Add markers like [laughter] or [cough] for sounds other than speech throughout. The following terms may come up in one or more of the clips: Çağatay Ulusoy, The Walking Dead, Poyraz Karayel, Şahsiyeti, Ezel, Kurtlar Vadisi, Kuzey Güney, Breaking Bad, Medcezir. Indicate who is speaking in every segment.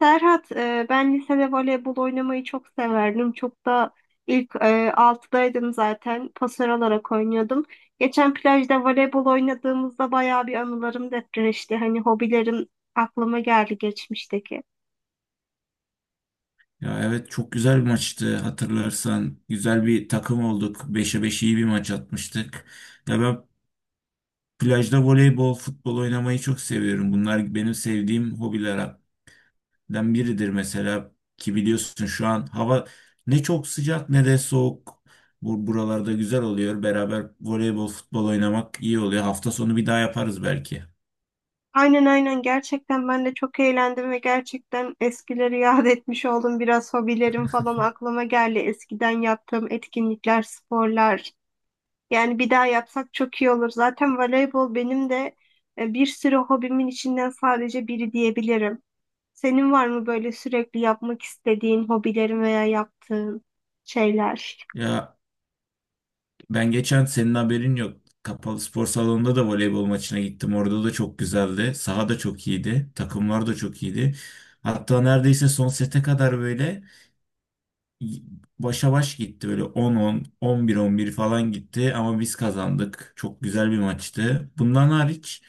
Speaker 1: Serhat, ben lisede voleybol oynamayı çok severdim. Çok da ilk 6'daydım zaten. Pasör olarak oynuyordum. Geçen plajda voleybol oynadığımızda bayağı bir anılarım depreşti. Hani hobilerim aklıma geldi geçmişteki.
Speaker 2: Ya evet çok güzel bir maçtı hatırlarsan. Güzel bir takım olduk. Beşe 5 iyi bir maç atmıştık. Ya ben plajda voleybol, futbol oynamayı çok seviyorum. Bunlar benim sevdiğim hobilerden biridir mesela. Ki biliyorsun şu an hava ne çok sıcak ne de soğuk. Bu buralarda güzel oluyor. Beraber voleybol, futbol oynamak iyi oluyor. Hafta sonu bir daha yaparız belki.
Speaker 1: Aynen, aynen, gerçekten ben de çok eğlendim ve gerçekten eskileri yad etmiş oldum. Biraz hobilerim falan aklıma geldi. Eskiden yaptığım etkinlikler, sporlar. Yani bir daha yapsak çok iyi olur. Zaten voleybol benim de bir sürü hobimin içinden sadece biri diyebilirim. Senin var mı böyle sürekli yapmak istediğin hobilerin veya yaptığın şeyler?
Speaker 2: Ya ben geçen senin haberin yok. Kapalı spor salonunda da voleybol maçına gittim. Orada da çok güzeldi. Saha da çok iyiydi. Takımlar da çok iyiydi. Hatta neredeyse son sete kadar böyle y- başa baş gitti. Böyle 10-10, 11-11 falan gitti. Ama biz kazandık. Çok güzel bir maçtı. Bundan hariç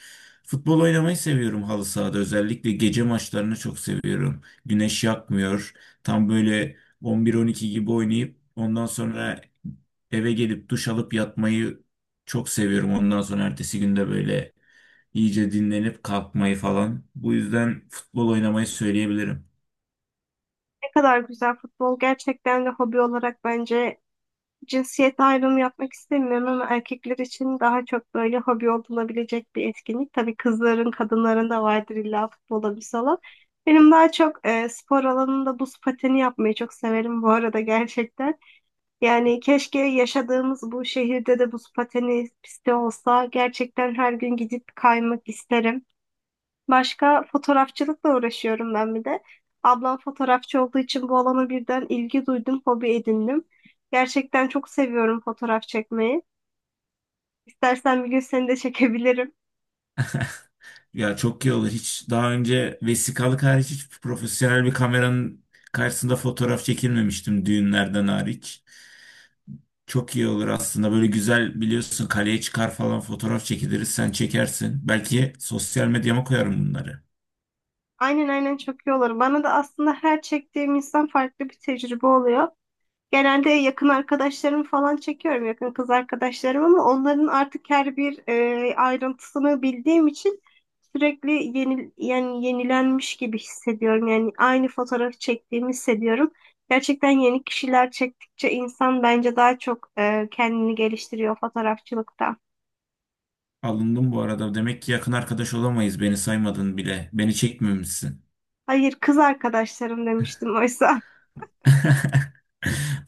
Speaker 2: futbol oynamayı seviyorum halı sahada. Özellikle gece maçlarını çok seviyorum. Güneş yakmıyor. Tam böyle 11-12 gibi oynayıp ondan sonra eve gelip duş alıp yatmayı çok seviyorum. Ondan sonra ertesi günde böyle iyice dinlenip kalkmayı falan. Bu yüzden futbol oynamayı söyleyebilirim.
Speaker 1: Ne kadar güzel futbol. Gerçekten de hobi olarak bence cinsiyet ayrımı yapmak istemiyorum ama erkekler için daha çok böyle hobi olunabilecek bir etkinlik. Tabii kızların, kadınların da vardır illa futbol hobisi olan. Benim daha çok spor alanında buz pateni yapmayı çok severim bu arada gerçekten. Yani keşke yaşadığımız bu şehirde de buz pateni pisti olsa. Gerçekten her gün gidip kaymak isterim. Başka fotoğrafçılıkla uğraşıyorum ben bir de. Ablam fotoğrafçı olduğu için bu alana birden ilgi duydum, hobi edindim. Gerçekten çok seviyorum fotoğraf çekmeyi. İstersen bir gün seni de çekebilirim.
Speaker 2: Ya çok iyi olur. Hiç daha önce vesikalık hariç hiç profesyonel bir kameranın karşısında fotoğraf çekilmemiştim düğünlerden hariç. Çok iyi olur aslında. Böyle güzel biliyorsun kaleye çıkar falan fotoğraf çekiliriz. Sen çekersin. Belki sosyal medyama koyarım bunları.
Speaker 1: Aynen, aynen, çok iyi olur. Bana da aslında her çektiğim insan farklı bir tecrübe oluyor. Genelde yakın arkadaşlarımı falan çekiyorum, yakın kız arkadaşlarım ama onların artık her bir ayrıntısını bildiğim için sürekli yeni, yani yenilenmiş gibi hissediyorum. Yani aynı fotoğrafı çektiğimi hissediyorum. Gerçekten yeni kişiler çektikçe insan bence daha çok kendini geliştiriyor fotoğrafçılıkta.
Speaker 2: Alındım bu arada. Demek ki yakın arkadaş olamayız. Beni saymadın bile. Beni çekmemişsin.
Speaker 1: Hayır, kız arkadaşlarım demiştim oysa.
Speaker 2: [laughs]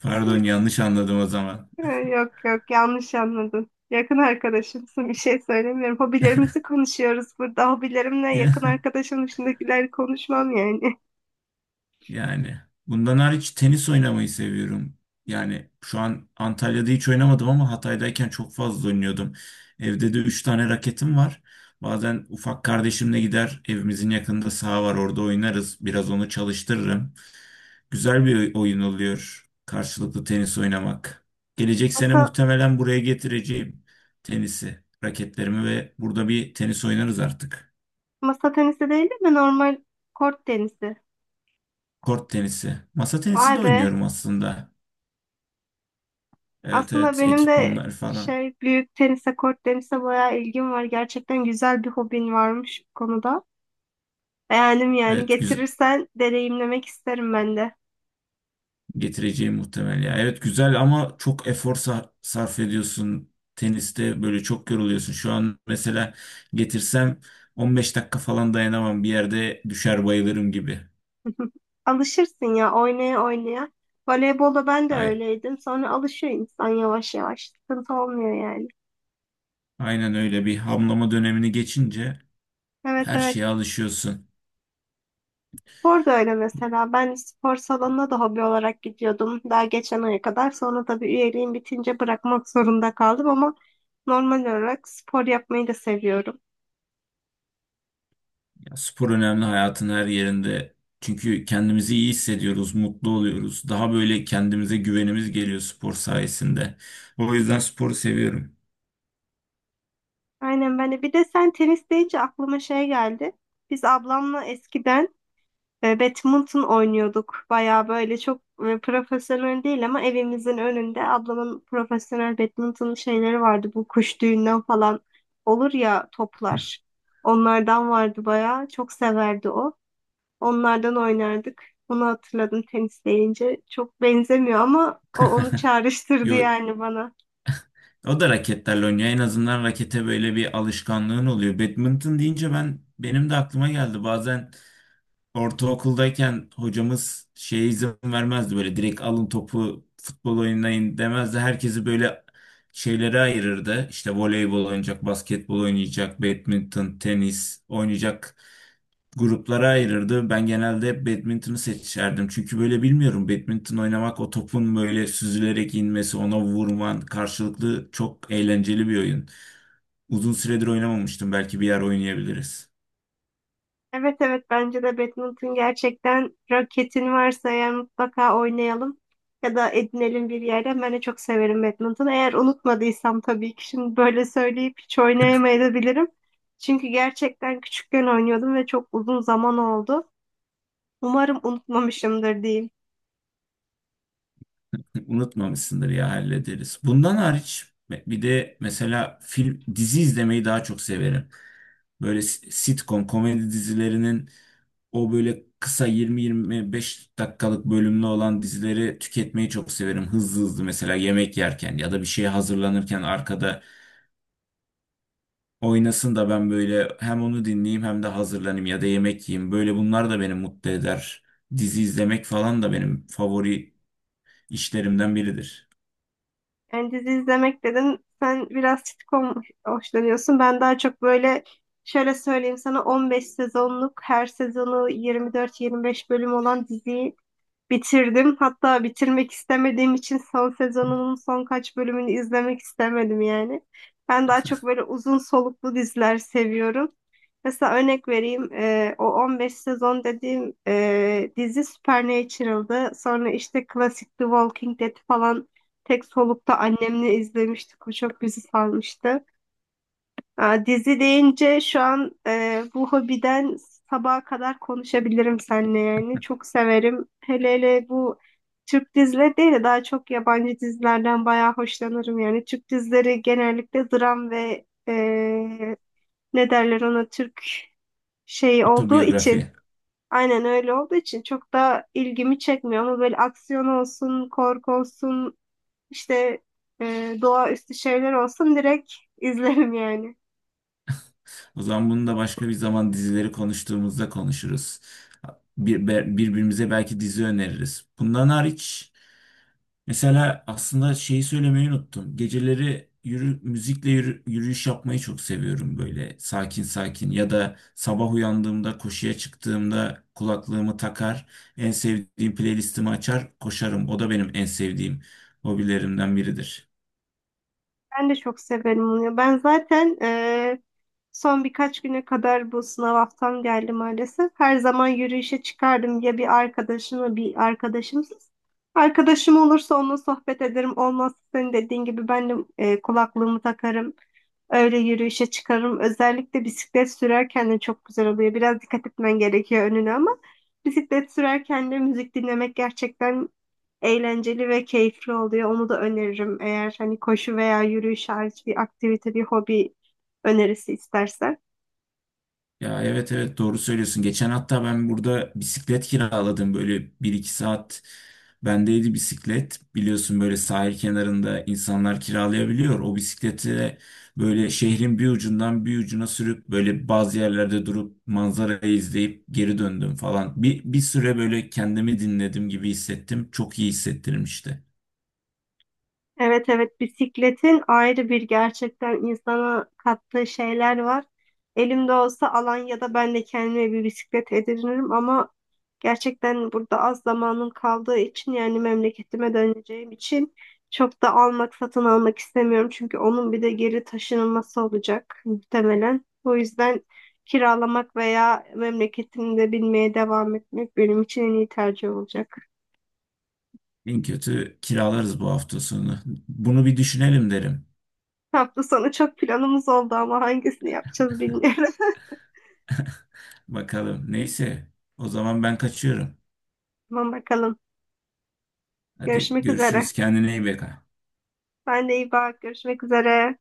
Speaker 2: Pardon yanlış anladım o zaman.
Speaker 1: Ha, yok yok, yanlış anladın. Yakın arkadaşımsın, bir şey söylemiyorum. Hobilerimizi konuşuyoruz burada. Hobilerimle yakın
Speaker 2: [laughs]
Speaker 1: arkadaşım dışındakileri konuşmam yani. [laughs]
Speaker 2: Yani bundan hariç tenis oynamayı seviyorum. Yani şu an Antalya'da hiç oynamadım ama Hatay'dayken çok fazla oynuyordum. Evde de 3 tane raketim var. Bazen ufak kardeşimle gider evimizin yakınında saha var orada oynarız. Biraz onu çalıştırırım. Güzel bir oyun oluyor karşılıklı tenis oynamak. Gelecek sene
Speaker 1: Masa,
Speaker 2: muhtemelen buraya getireceğim tenisi, raketlerimi ve burada bir tenis oynarız artık.
Speaker 1: masa tenisi değil de normal kort tenisi.
Speaker 2: Kort tenisi. Masa tenisi
Speaker 1: Vay
Speaker 2: de
Speaker 1: be.
Speaker 2: oynuyorum aslında. Evet
Speaker 1: Aslında
Speaker 2: evet
Speaker 1: benim de
Speaker 2: ekipmanlar falan.
Speaker 1: şey, büyük tenise, kort tenise bayağı ilgim var. Gerçekten güzel bir hobin varmış bu konuda. Beğendim yani.
Speaker 2: Evet güzel
Speaker 1: Getirirsen deneyimlemek isterim ben de.
Speaker 2: getireceğim muhtemel ya. Evet güzel ama çok efor sarf ediyorsun. Teniste böyle çok yoruluyorsun. Şu an mesela getirsem 15 dakika falan dayanamam. Bir yerde düşer bayılırım gibi.
Speaker 1: Alışırsın ya, oynaya oynaya. Voleybolda ben de
Speaker 2: Ay,
Speaker 1: öyleydim. Sonra alışıyor insan yavaş yavaş. Sıkıntı olmuyor yani.
Speaker 2: aynen öyle bir hamlama dönemini geçince
Speaker 1: Evet,
Speaker 2: her
Speaker 1: evet.
Speaker 2: şeye alışıyorsun.
Speaker 1: Spor da öyle mesela. Ben spor salonuna da hobi olarak gidiyordum. Daha geçen aya kadar. Sonra tabii üyeliğim bitince bırakmak zorunda kaldım ama normal olarak spor yapmayı da seviyorum.
Speaker 2: Spor önemli hayatın her yerinde. Çünkü kendimizi iyi hissediyoruz, mutlu oluyoruz. Daha böyle kendimize güvenimiz geliyor spor sayesinde. O yüzden sporu seviyorum.
Speaker 1: Aynen, ben de. Bir de sen tenis deyince aklıma şey geldi. Biz ablamla eskiden badminton oynuyorduk. Baya böyle çok profesyonel değil ama evimizin önünde ablamın profesyonel badminton şeyleri vardı. Bu kuş düğünden falan olur ya, toplar. Onlardan vardı baya. Çok severdi o. Onlardan oynardık. Onu hatırladım tenis deyince. Çok benzemiyor ama o onu
Speaker 2: [laughs]
Speaker 1: çağrıştırdı
Speaker 2: Yo,
Speaker 1: yani bana.
Speaker 2: o da raketlerle oynuyor. En azından rakete böyle bir alışkanlığın oluyor. Badminton deyince ben benim de aklıma geldi. Bazen ortaokuldayken hocamız şeye izin vermezdi böyle direkt alın topu futbol oynayın demezdi. Herkesi böyle şeylere ayırırdı. İşte voleybol oynayacak, basketbol oynayacak, badminton, tenis oynayacak gruplara ayırırdı. Ben genelde hep badminton'u seçerdim. Çünkü böyle bilmiyorum badminton oynamak o topun böyle süzülerek inmesi, ona vurman karşılıklı çok eğlenceli bir oyun. Uzun süredir oynamamıştım. Belki bir yer oynayabiliriz.
Speaker 1: Evet, evet, bence de badminton gerçekten, raketin varsa eğer mutlaka oynayalım ya da edinelim bir yerden. Ben de çok severim badminton. Eğer unutmadıysam tabii ki, şimdi böyle söyleyip hiç oynayamayabilirim. Çünkü gerçekten küçükken oynuyordum ve çok uzun zaman oldu. Umarım unutmamışımdır diyeyim.
Speaker 2: Unutmamışsındır ya hallederiz. Bundan hariç bir de mesela film dizi izlemeyi daha çok severim. Böyle sitcom komedi dizilerinin o böyle kısa 20-25 dakikalık bölümlü olan dizileri tüketmeyi çok severim. Hızlı hızlı mesela yemek yerken ya da bir şeye hazırlanırken arkada oynasın da ben böyle hem onu dinleyeyim hem de hazırlanayım ya da yemek yiyeyim. Böyle bunlar da beni mutlu eder. Dizi izlemek falan da benim favori işlerimden biridir.
Speaker 1: Yani dizi izlemek dedin sen, biraz sitcom hoşlanıyorsun. Ben daha çok böyle, şöyle söyleyeyim sana, 15 sezonluk her sezonu 24-25 bölüm olan diziyi bitirdim. Hatta bitirmek istemediğim için son sezonunun son kaç bölümünü izlemek istemedim yani. Ben daha çok böyle uzun soluklu diziler seviyorum. Mesela örnek vereyim. O 15 sezon dediğim dizi Supernatural'dı. Sonra işte klasik The Walking Dead falan tek solukta annemle izlemiştik. O çok bizi sarmıştı. Aa, dizi deyince şu an bu hobiden sabaha kadar konuşabilirim seninle yani. Çok severim. Hele hele bu Türk dizileri değil de daha çok yabancı dizilerden bayağı hoşlanırım yani. Türk dizileri genellikle dram ve ne derler ona, Türk şey olduğu için
Speaker 2: Otobiyografi.
Speaker 1: aynen öyle olduğu için, çok da ilgimi çekmiyor ama böyle aksiyon olsun, korku olsun, işte doğaüstü şeyler olsun, direkt [laughs] izlerim yani.
Speaker 2: O zaman bunu da başka bir zaman dizileri konuştuğumuzda konuşuruz. Birbirimize belki dizi öneririz. Bundan hariç mesela aslında şeyi söylemeyi unuttum. Geceleri yürüyüş yapmayı çok seviyorum böyle sakin sakin ya da sabah uyandığımda koşuya çıktığımda kulaklığımı takar, en sevdiğim playlistimi açar, koşarım. O da benim en sevdiğim hobilerimden biridir.
Speaker 1: Ben de çok severim onu. Ben zaten son birkaç güne kadar bu sınav haftam geldi maalesef. Her zaman yürüyüşe çıkardım ya, bir arkadaşımla bir arkadaşımsız. Arkadaşım olursa onunla sohbet ederim. Olmazsa senin dediğin gibi ben de kulaklığımı takarım. Öyle yürüyüşe çıkarım. Özellikle bisiklet sürerken de çok güzel oluyor. Biraz dikkat etmen gerekiyor önüne ama bisiklet sürerken de müzik dinlemek gerçekten eğlenceli ve keyifli oluyor. Onu da öneririm, eğer hani koşu veya yürüyüş hariç bir aktivite, bir hobi önerisi istersen.
Speaker 2: Ya evet evet doğru söylüyorsun. Geçen hatta ben burada bisiklet kiraladım. Böyle bir iki saat bendeydi bisiklet. Biliyorsun böyle sahil kenarında insanlar kiralayabiliyor. O bisikleti böyle şehrin bir ucundan bir ucuna sürüp böyle bazı yerlerde durup manzarayı izleyip geri döndüm falan. Bir süre böyle kendimi dinledim gibi hissettim. Çok iyi hissettirmişti.
Speaker 1: Evet, evet, bisikletin ayrı bir gerçekten insana kattığı şeyler var. Elimde olsa Alanya'da ben de kendime bir bisiklet edinirim ama gerçekten burada az zamanım kaldığı için, yani memleketime döneceğim için çok da almak, satın almak istemiyorum. Çünkü onun bir de geri taşınılması olacak muhtemelen. O yüzden kiralamak veya memleketimde binmeye devam etmek benim için en iyi tercih olacak.
Speaker 2: En kötü kiralarız bu hafta sonu. Bunu bir düşünelim derim.
Speaker 1: Hafta sonu çok planımız oldu ama hangisini yapacağız bilmiyorum.
Speaker 2: Bakalım. Neyse. O zaman ben kaçıyorum.
Speaker 1: Tamam, bakalım.
Speaker 2: Hadi
Speaker 1: Görüşmek üzere.
Speaker 2: görüşürüz. Kendine iyi bak.
Speaker 1: Sen de iyi bak. Görüşmek üzere.